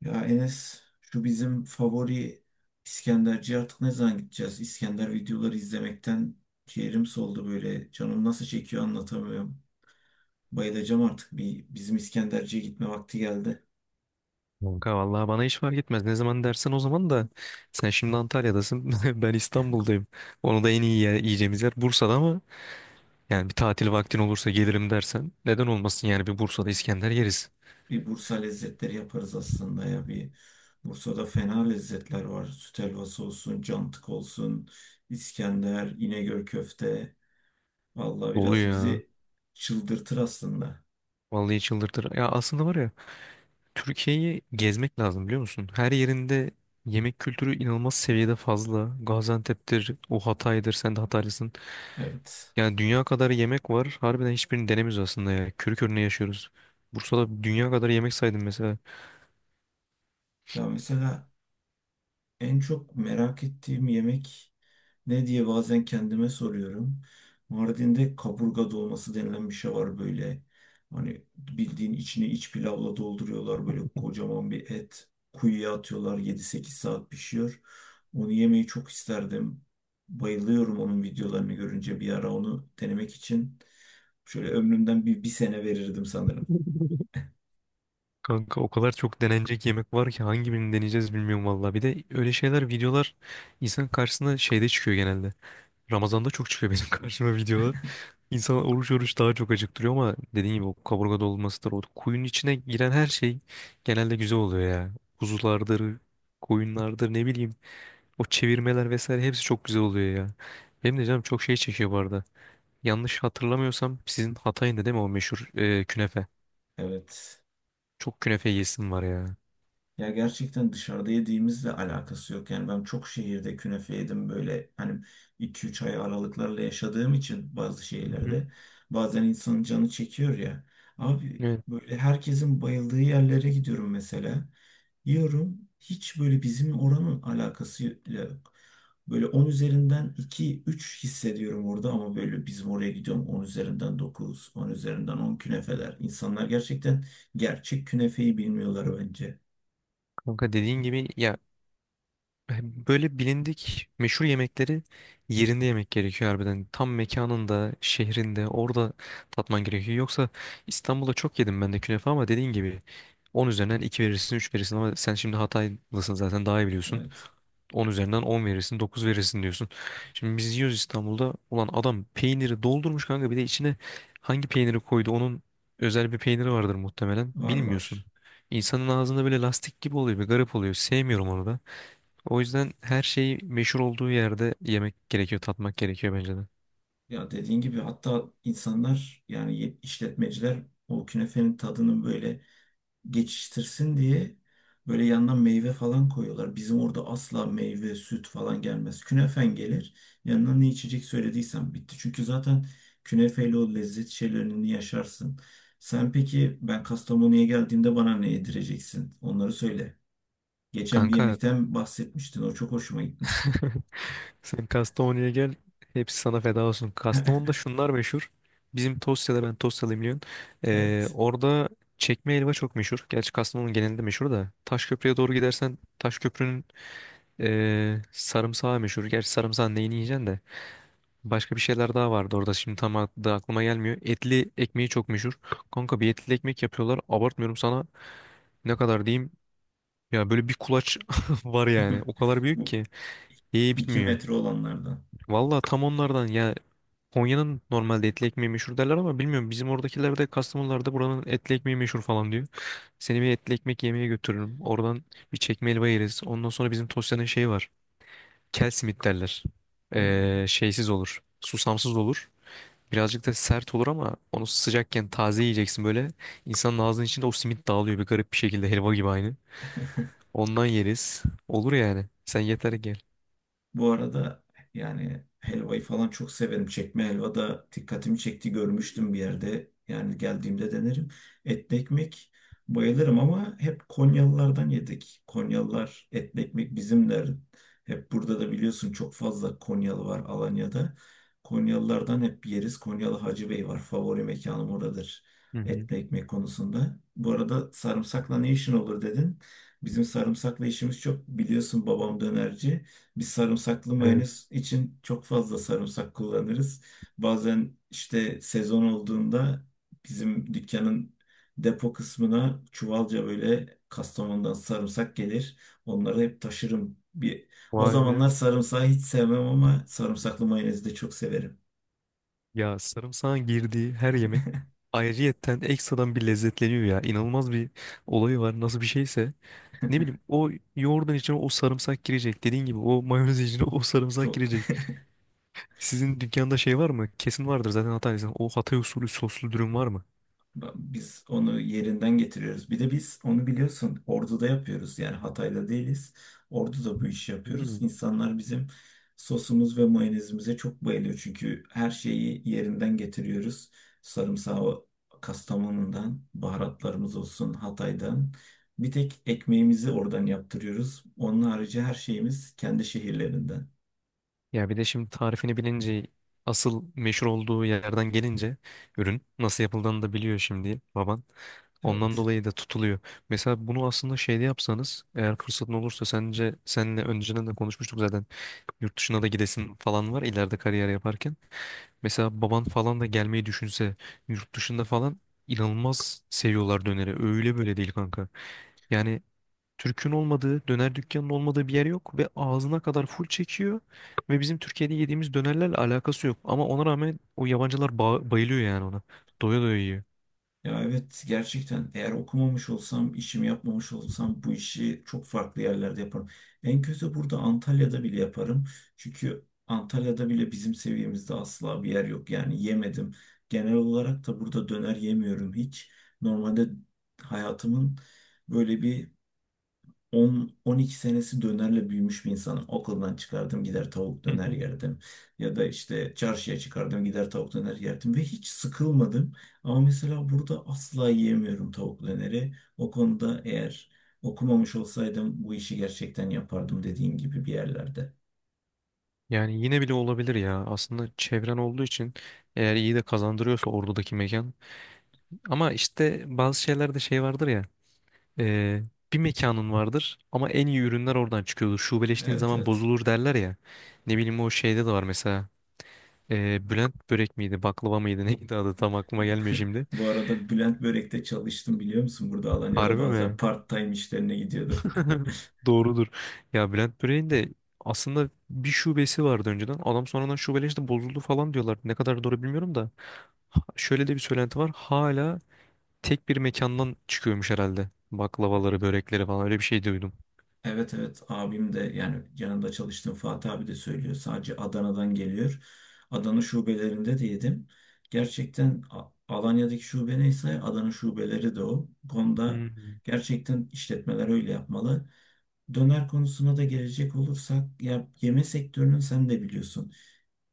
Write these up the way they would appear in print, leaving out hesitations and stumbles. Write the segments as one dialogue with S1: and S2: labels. S1: Ya Enes şu bizim favori İskenderci artık ne zaman gideceğiz? İskender videoları izlemekten ciğerim soldu böyle. Canım nasıl çekiyor anlatamıyorum. Bayılacağım artık bir bizim İskenderci'ye gitme vakti geldi.
S2: Kanka vallahi bana hiç fark etmez. Ne zaman dersen o zaman da sen şimdi Antalya'dasın. Ben İstanbul'dayım. Onu da en iyi yiyeceğimiz yer Bursa'da ama yani bir tatil vaktin olursa gelirim dersen neden olmasın yani bir Bursa'da İskender yeriz.
S1: Bir Bursa lezzetleri yaparız aslında ya. Bir Bursa'da fena lezzetler var. Süt helvası olsun, cantık olsun, İskender, İnegöl köfte. Vallahi biraz
S2: Oluyor ya.
S1: bizi çıldırtır aslında.
S2: Vallahi çıldırtır. Ya aslında var ya Türkiye'yi gezmek lazım biliyor musun? Her yerinde yemek kültürü inanılmaz seviyede fazla. Gaziantep'tir, o Hatay'dır, sen de Hataylısın.
S1: Evet.
S2: Yani dünya kadar yemek var. Harbiden hiçbirini denemiyoruz aslında ya. Körü körüne yaşıyoruz. Bursa'da dünya kadar yemek saydım mesela.
S1: Ya mesela en çok merak ettiğim yemek ne diye bazen kendime soruyorum. Mardin'de kaburga dolması denilen bir şey var böyle. Hani bildiğin içini iç pilavla dolduruyorlar. Böyle kocaman bir et. Kuyuya atıyorlar. Yedi sekiz saat pişiyor. Onu yemeyi çok isterdim. Bayılıyorum onun videolarını görünce. Bir ara onu denemek için şöyle ömrümden bir sene verirdim sanırım.
S2: Kanka o kadar çok denenecek yemek var ki hangi birini deneyeceğiz bilmiyorum valla. Bir de öyle şeyler videolar insan karşısına şeyde çıkıyor genelde. Ramazan'da çok çıkıyor benim karşıma videolar. İnsan oruç oruç daha çok acıktırıyor ama dediğin gibi o kaburga dolmasıdır. O kuyunun içine giren her şey genelde güzel oluyor ya. Kuzulardır, koyunlardır ne bileyim. O çevirmeler vesaire hepsi çok güzel oluyor ya. Benim de canım çok şey çekiyor bu arada. Yanlış hatırlamıyorsam sizin Hatay'ın da değil mi o meşhur künefe?
S1: Evet.
S2: Çok künefe yesim var ya.
S1: Ya gerçekten dışarıda yediğimizle alakası yok. Yani ben çok şehirde künefe yedim böyle hani 2-3 ay aralıklarla yaşadığım için bazı şeylerde bazen insanın canı çekiyor ya. Abi
S2: Hı.
S1: böyle herkesin bayıldığı yerlere gidiyorum mesela. Yiyorum, hiç böyle bizim oranın alakası yok. Böyle 10 üzerinden iki üç hissediyorum orada, ama böyle bizim oraya gidiyorum 10 üzerinden dokuz, 10 üzerinden 10 künefeler. İnsanlar gerçekten gerçek künefeyi bilmiyorlar bence.
S2: Kanka dediğin gibi ya böyle bilindik meşhur yemekleri yerinde yemek gerekiyor harbiden. Tam mekanında, şehrinde, orada tatman gerekiyor. Yoksa İstanbul'da çok yedim ben de künefe ama dediğin gibi 10 üzerinden 2 verirsin, 3 verirsin ama sen şimdi Hataylısın zaten daha iyi biliyorsun.
S1: Evet,
S2: 10 üzerinden 10 verirsin, 9 verirsin diyorsun. Şimdi biz yiyoruz İstanbul'da. Ulan adam peyniri doldurmuş kanka. Bir de içine hangi peyniri koydu? Onun özel bir peyniri vardır muhtemelen.
S1: var
S2: Bilmiyorsun.
S1: var.
S2: İnsanın ağzında böyle lastik gibi oluyor. Bir garip oluyor. Sevmiyorum onu da. O yüzden her şeyi meşhur olduğu yerde yemek gerekiyor, tatmak gerekiyor bence de.
S1: Ya dediğin gibi hatta insanlar, yani işletmeciler o künefenin tadını böyle geçiştirsin diye böyle yandan meyve falan koyuyorlar. Bizim orada asla meyve, süt falan gelmez. Künefen gelir. Yanına ne içecek söylediysen bitti. Çünkü zaten künefeyle o lezzet şeylerini yaşarsın. Sen peki, ben Kastamonu'ya geldiğimde bana ne yedireceksin? Onları söyle. Geçen bir
S2: Kanka
S1: yemekten bahsetmiştin. O çok hoşuma gitmişti.
S2: sen Kastamonu'ya gel. Hepsi sana feda olsun. Kastamonu'da şunlar meşhur. Bizim Tosya'da ben Tosyalıyım biliyorsun.
S1: Evet.
S2: Orada çekme helva çok meşhur. Gerçi Kastamonu genelinde meşhur da. Taşköprü'ye doğru gidersen Taşköprü'nün sarımsağı meşhur. Gerçi sarımsağın neyini yiyeceksin de. Başka bir şeyler daha vardı orada. Şimdi tam adı aklıma gelmiyor. Etli ekmeği çok meşhur. Kanka bir etli ekmek yapıyorlar. Abartmıyorum sana. Ne kadar diyeyim? Ya böyle bir kulaç var yani. O kadar büyük
S1: Bu
S2: ki. Ye
S1: 2
S2: bitmiyor.
S1: metre olanlardan.
S2: Valla tam onlardan ya Konya'nın normalde etli ekmeği meşhur derler ama bilmiyorum bizim oradakiler de Kastamonular da buranın etli ekmeği meşhur falan diyor. Seni bir etli ekmek yemeye götürürüm. Oradan bir çekme helva yeriz. Ondan sonra bizim Tosya'nın şeyi var. Kel simit derler.
S1: Oo.
S2: Şeysiz olur. Susamsız olur. Birazcık da sert olur ama onu sıcakken taze yiyeceksin böyle. İnsanın ağzının içinde o simit dağılıyor bir garip bir şekilde helva gibi aynı. Ondan yeriz. Olur yani. Sen yeter ki gel.
S1: Bu arada yani helvayı falan çok severim. Çekme helva da dikkatimi çekti, görmüştüm bir yerde. Yani geldiğimde denerim. Etli ekmek, bayılırım, ama hep Konyalılardan yedik. Konyalılar etli ekmek bizimler. Hep burada da biliyorsun, çok fazla Konyalı var Alanya'da. Konyalılardan hep yeriz. Konyalı Hacı Bey var. Favori mekanım oradır.
S2: Hı hı.
S1: Etli ekmek konusunda. Bu arada sarımsakla ne işin olur dedin. Bizim sarımsakla işimiz çok, biliyorsun babam dönerci. Biz sarımsaklı
S2: Evet.
S1: mayonez için çok fazla sarımsak kullanırız. Bazen işte sezon olduğunda bizim dükkanın depo kısmına çuvalca böyle Kastamonu'dan sarımsak gelir. Onları hep taşırım. O
S2: Vay
S1: zamanlar
S2: be.
S1: sarımsağı hiç sevmem, ama sarımsaklı mayonezi de çok severim.
S2: Ya sarımsağın girdiği her yemek ayrıyetten ekstradan bir lezzetleniyor ya. İnanılmaz bir olayı var. Nasıl bir şeyse. Ne bileyim o yoğurdun içine o sarımsak girecek. Dediğin gibi o mayonez içine o sarımsak
S1: Çok.
S2: girecek. Sizin dükkanda şey var mı? Kesin vardır zaten Hataylıysan. O Hatay usulü soslu dürüm var mı?
S1: Biz onu yerinden getiriyoruz. Bir de biz onu biliyorsun Ordu'da yapıyoruz. Yani Hatay'da değiliz. Ordu'da bu işi
S2: Hmm.
S1: yapıyoruz. İnsanlar bizim sosumuz ve mayonezimize çok bayılıyor. Çünkü her şeyi yerinden getiriyoruz. Sarımsağı Kastamonu'dan, baharatlarımız olsun Hatay'dan. Bir tek ekmeğimizi oradan yaptırıyoruz. Onun harici her şeyimiz kendi şehirlerinden.
S2: Ya bir de şimdi tarifini bilince asıl meşhur olduğu yerden gelince ürün nasıl yapıldığını da biliyor şimdi baban. Ondan
S1: Evet.
S2: dolayı da tutuluyor. Mesela bunu aslında şeyde yapsanız eğer fırsatın olursa sence seninle önceden de konuşmuştuk zaten yurt dışına da gidesin falan var ileride kariyer yaparken. Mesela baban falan da gelmeyi düşünse yurt dışında falan inanılmaz seviyorlar döneri. Öyle böyle değil kanka. Yani Türk'ün olmadığı, döner dükkanının olmadığı bir yer yok ve ağzına kadar full çekiyor ve bizim Türkiye'de yediğimiz dönerlerle alakası yok. Ama ona rağmen o yabancılar bayılıyor yani ona. Doya doya yiyor.
S1: Ya evet, gerçekten eğer okumamış olsam, işimi yapmamış olsam bu işi çok farklı yerlerde yaparım. En kötü burada Antalya'da bile yaparım. Çünkü Antalya'da bile bizim seviyemizde asla bir yer yok. Yani yemedim. Genel olarak da burada döner yemiyorum hiç. Normalde hayatımın böyle bir 10-12 senesi dönerle büyümüş bir insanım. Okuldan çıkardım, gider tavuk döner yerdim. Ya da işte çarşıya çıkardım, gider tavuk döner yerdim. Ve hiç sıkılmadım. Ama mesela burada asla yiyemiyorum tavuk döneri. O konuda eğer okumamış olsaydım bu işi gerçekten yapardım, dediğin gibi bir yerlerde.
S2: Yani yine bile olabilir ya. Aslında çevren olduğu için eğer iyi de kazandırıyorsa oradaki mekan. Ama işte bazı şeylerde şey vardır ya. e, Bir mekanın vardır ama en iyi ürünler oradan çıkıyordur. Şubeleştiğin
S1: Evet
S2: zaman
S1: evet.
S2: bozulur derler ya. Ne bileyim o şeyde de var mesela. Bülent börek miydi, baklava mıydı, neydi adı tam aklıma gelmiyor şimdi.
S1: Bu arada Bülent Börek'te çalıştım, biliyor musun? Burada Alanya'da
S2: Harbi
S1: bazen
S2: mi?
S1: part-time işlerine gidiyordum.
S2: Doğrudur. Ya Bülent böreğin de aslında bir şubesi vardı önceden. Adam sonradan şubeleşti, işte bozuldu falan diyorlar. Ne kadar doğru bilmiyorum da. Şöyle de bir söylenti var. Hala tek bir mekandan çıkıyormuş herhalde. Baklavaları, börekleri falan öyle bir şey duydum.
S1: Evet evet, abim de, yani yanında çalıştığım Fatih abi de söylüyor. Sadece Adana'dan geliyor. Adana şubelerinde de yedim. Gerçekten Alanya'daki şube neyse Adana şubeleri de o. Bu konuda
S2: Hı
S1: gerçekten işletmeler öyle yapmalı. Döner konusuna da gelecek olursak, ya yeme sektörünün sen de biliyorsun,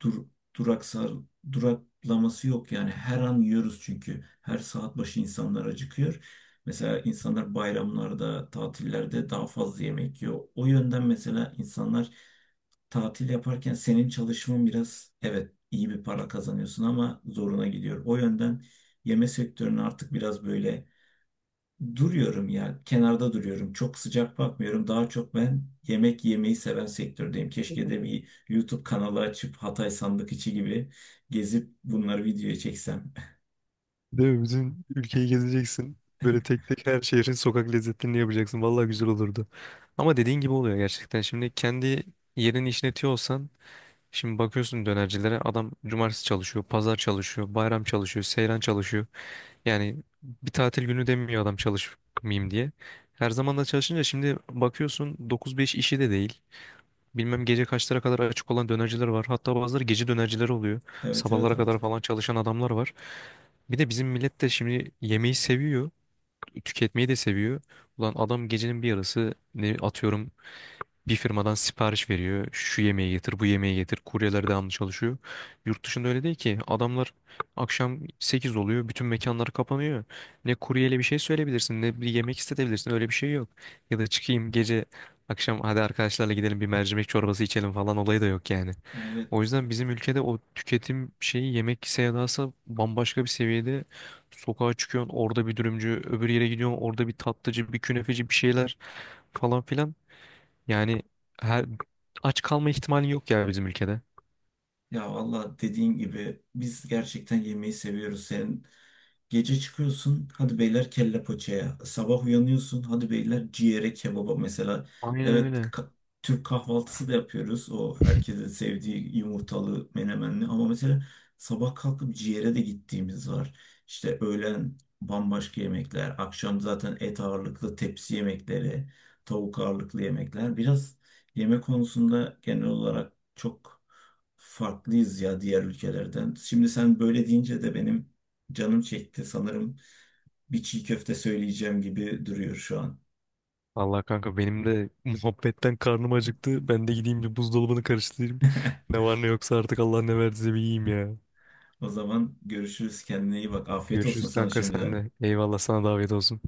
S1: dur, duraksar, duraklaması yok. Yani her an yiyoruz çünkü. Her saat başı insanlar acıkıyor. Mesela insanlar bayramlarda, tatillerde daha fazla yemek yiyor. O yönden mesela insanlar tatil yaparken senin çalışman biraz, evet iyi bir para kazanıyorsun ama zoruna gidiyor. O yönden yeme sektörünü artık biraz böyle, duruyorum ya, kenarda duruyorum. Çok sıcak bakmıyorum. Daha çok ben yemek yemeyi seven sektördeyim. Keşke de
S2: hı.
S1: bir YouTube kanalı açıp Hatay sandık içi gibi gezip bunları videoya çeksem.
S2: Değil mi? Bütün ülkeyi gezeceksin. Böyle tek tek her şehrin sokak lezzetlerini yapacaksın. Vallahi güzel olurdu. Ama dediğin gibi oluyor gerçekten. Şimdi kendi yerini işletiyor olsan şimdi bakıyorsun dönercilere adam cumartesi çalışıyor, pazar çalışıyor, bayram çalışıyor, seyran çalışıyor. Yani bir tatil günü demiyor adam çalışmayayım diye. Her zaman da çalışınca şimdi bakıyorsun 9-5 işi de değil. Bilmem gece kaçlara kadar açık olan dönerciler var. Hatta bazıları gece dönercileri oluyor.
S1: Evet evet
S2: Sabahlara kadar
S1: artık.
S2: falan çalışan adamlar var. Bir de bizim millet de şimdi yemeği seviyor. Tüketmeyi de seviyor. Ulan adam gecenin bir yarısı ne atıyorum bir firmadan sipariş veriyor. Şu yemeği getir, bu yemeği getir. Kuryeler devamlı çalışıyor. Yurt dışında öyle değil ki. Adamlar akşam 8 oluyor. Bütün mekanlar kapanıyor. Ne kuryeyle bir şey söyleyebilirsin, ne bir yemek istetebilirsin. Öyle bir şey yok. Ya da çıkayım gece akşam hadi arkadaşlarla gidelim bir mercimek çorbası içelim falan olayı da yok yani. O
S1: Evet.
S2: yüzden bizim ülkede o tüketim şeyi yemek sevdası bambaşka bir seviyede. Sokağa çıkıyorsun orada bir dürümcü, öbür yere gidiyorsun orada bir tatlıcı, bir künefeci bir şeyler falan filan. Yani her aç kalma ihtimali yok ya bizim ülkede.
S1: Ya valla dediğin gibi biz gerçekten yemeği seviyoruz. Senin... gece çıkıyorsun, hadi beyler kelle paçaya. Sabah uyanıyorsun, hadi beyler ciğere kebaba mesela.
S2: Aynen
S1: Evet,
S2: öyle.
S1: ka- Türk kahvaltısı da yapıyoruz. O herkesin sevdiği yumurtalı, menemenli. Ama mesela sabah kalkıp ciğere de gittiğimiz var. İşte öğlen bambaşka yemekler. Akşam zaten et ağırlıklı tepsi yemekleri, tavuk ağırlıklı yemekler. Biraz yemek konusunda genel olarak çok farklıyız ya diğer ülkelerden. Şimdi sen böyle deyince de benim canım çekti sanırım, bir çiğ köfte söyleyeceğim gibi duruyor şu an.
S2: Allah kanka benim de muhabbetten karnım acıktı. Ben de gideyim bir buzdolabını karıştırayım. Ne var ne yoksa artık Allah ne verdiyse bir yiyeyim ya.
S1: O zaman görüşürüz, kendine iyi bak. Afiyet olsun
S2: Görüşürüz
S1: sana
S2: kanka
S1: şimdiden.
S2: senle. Eyvallah sana davet olsun.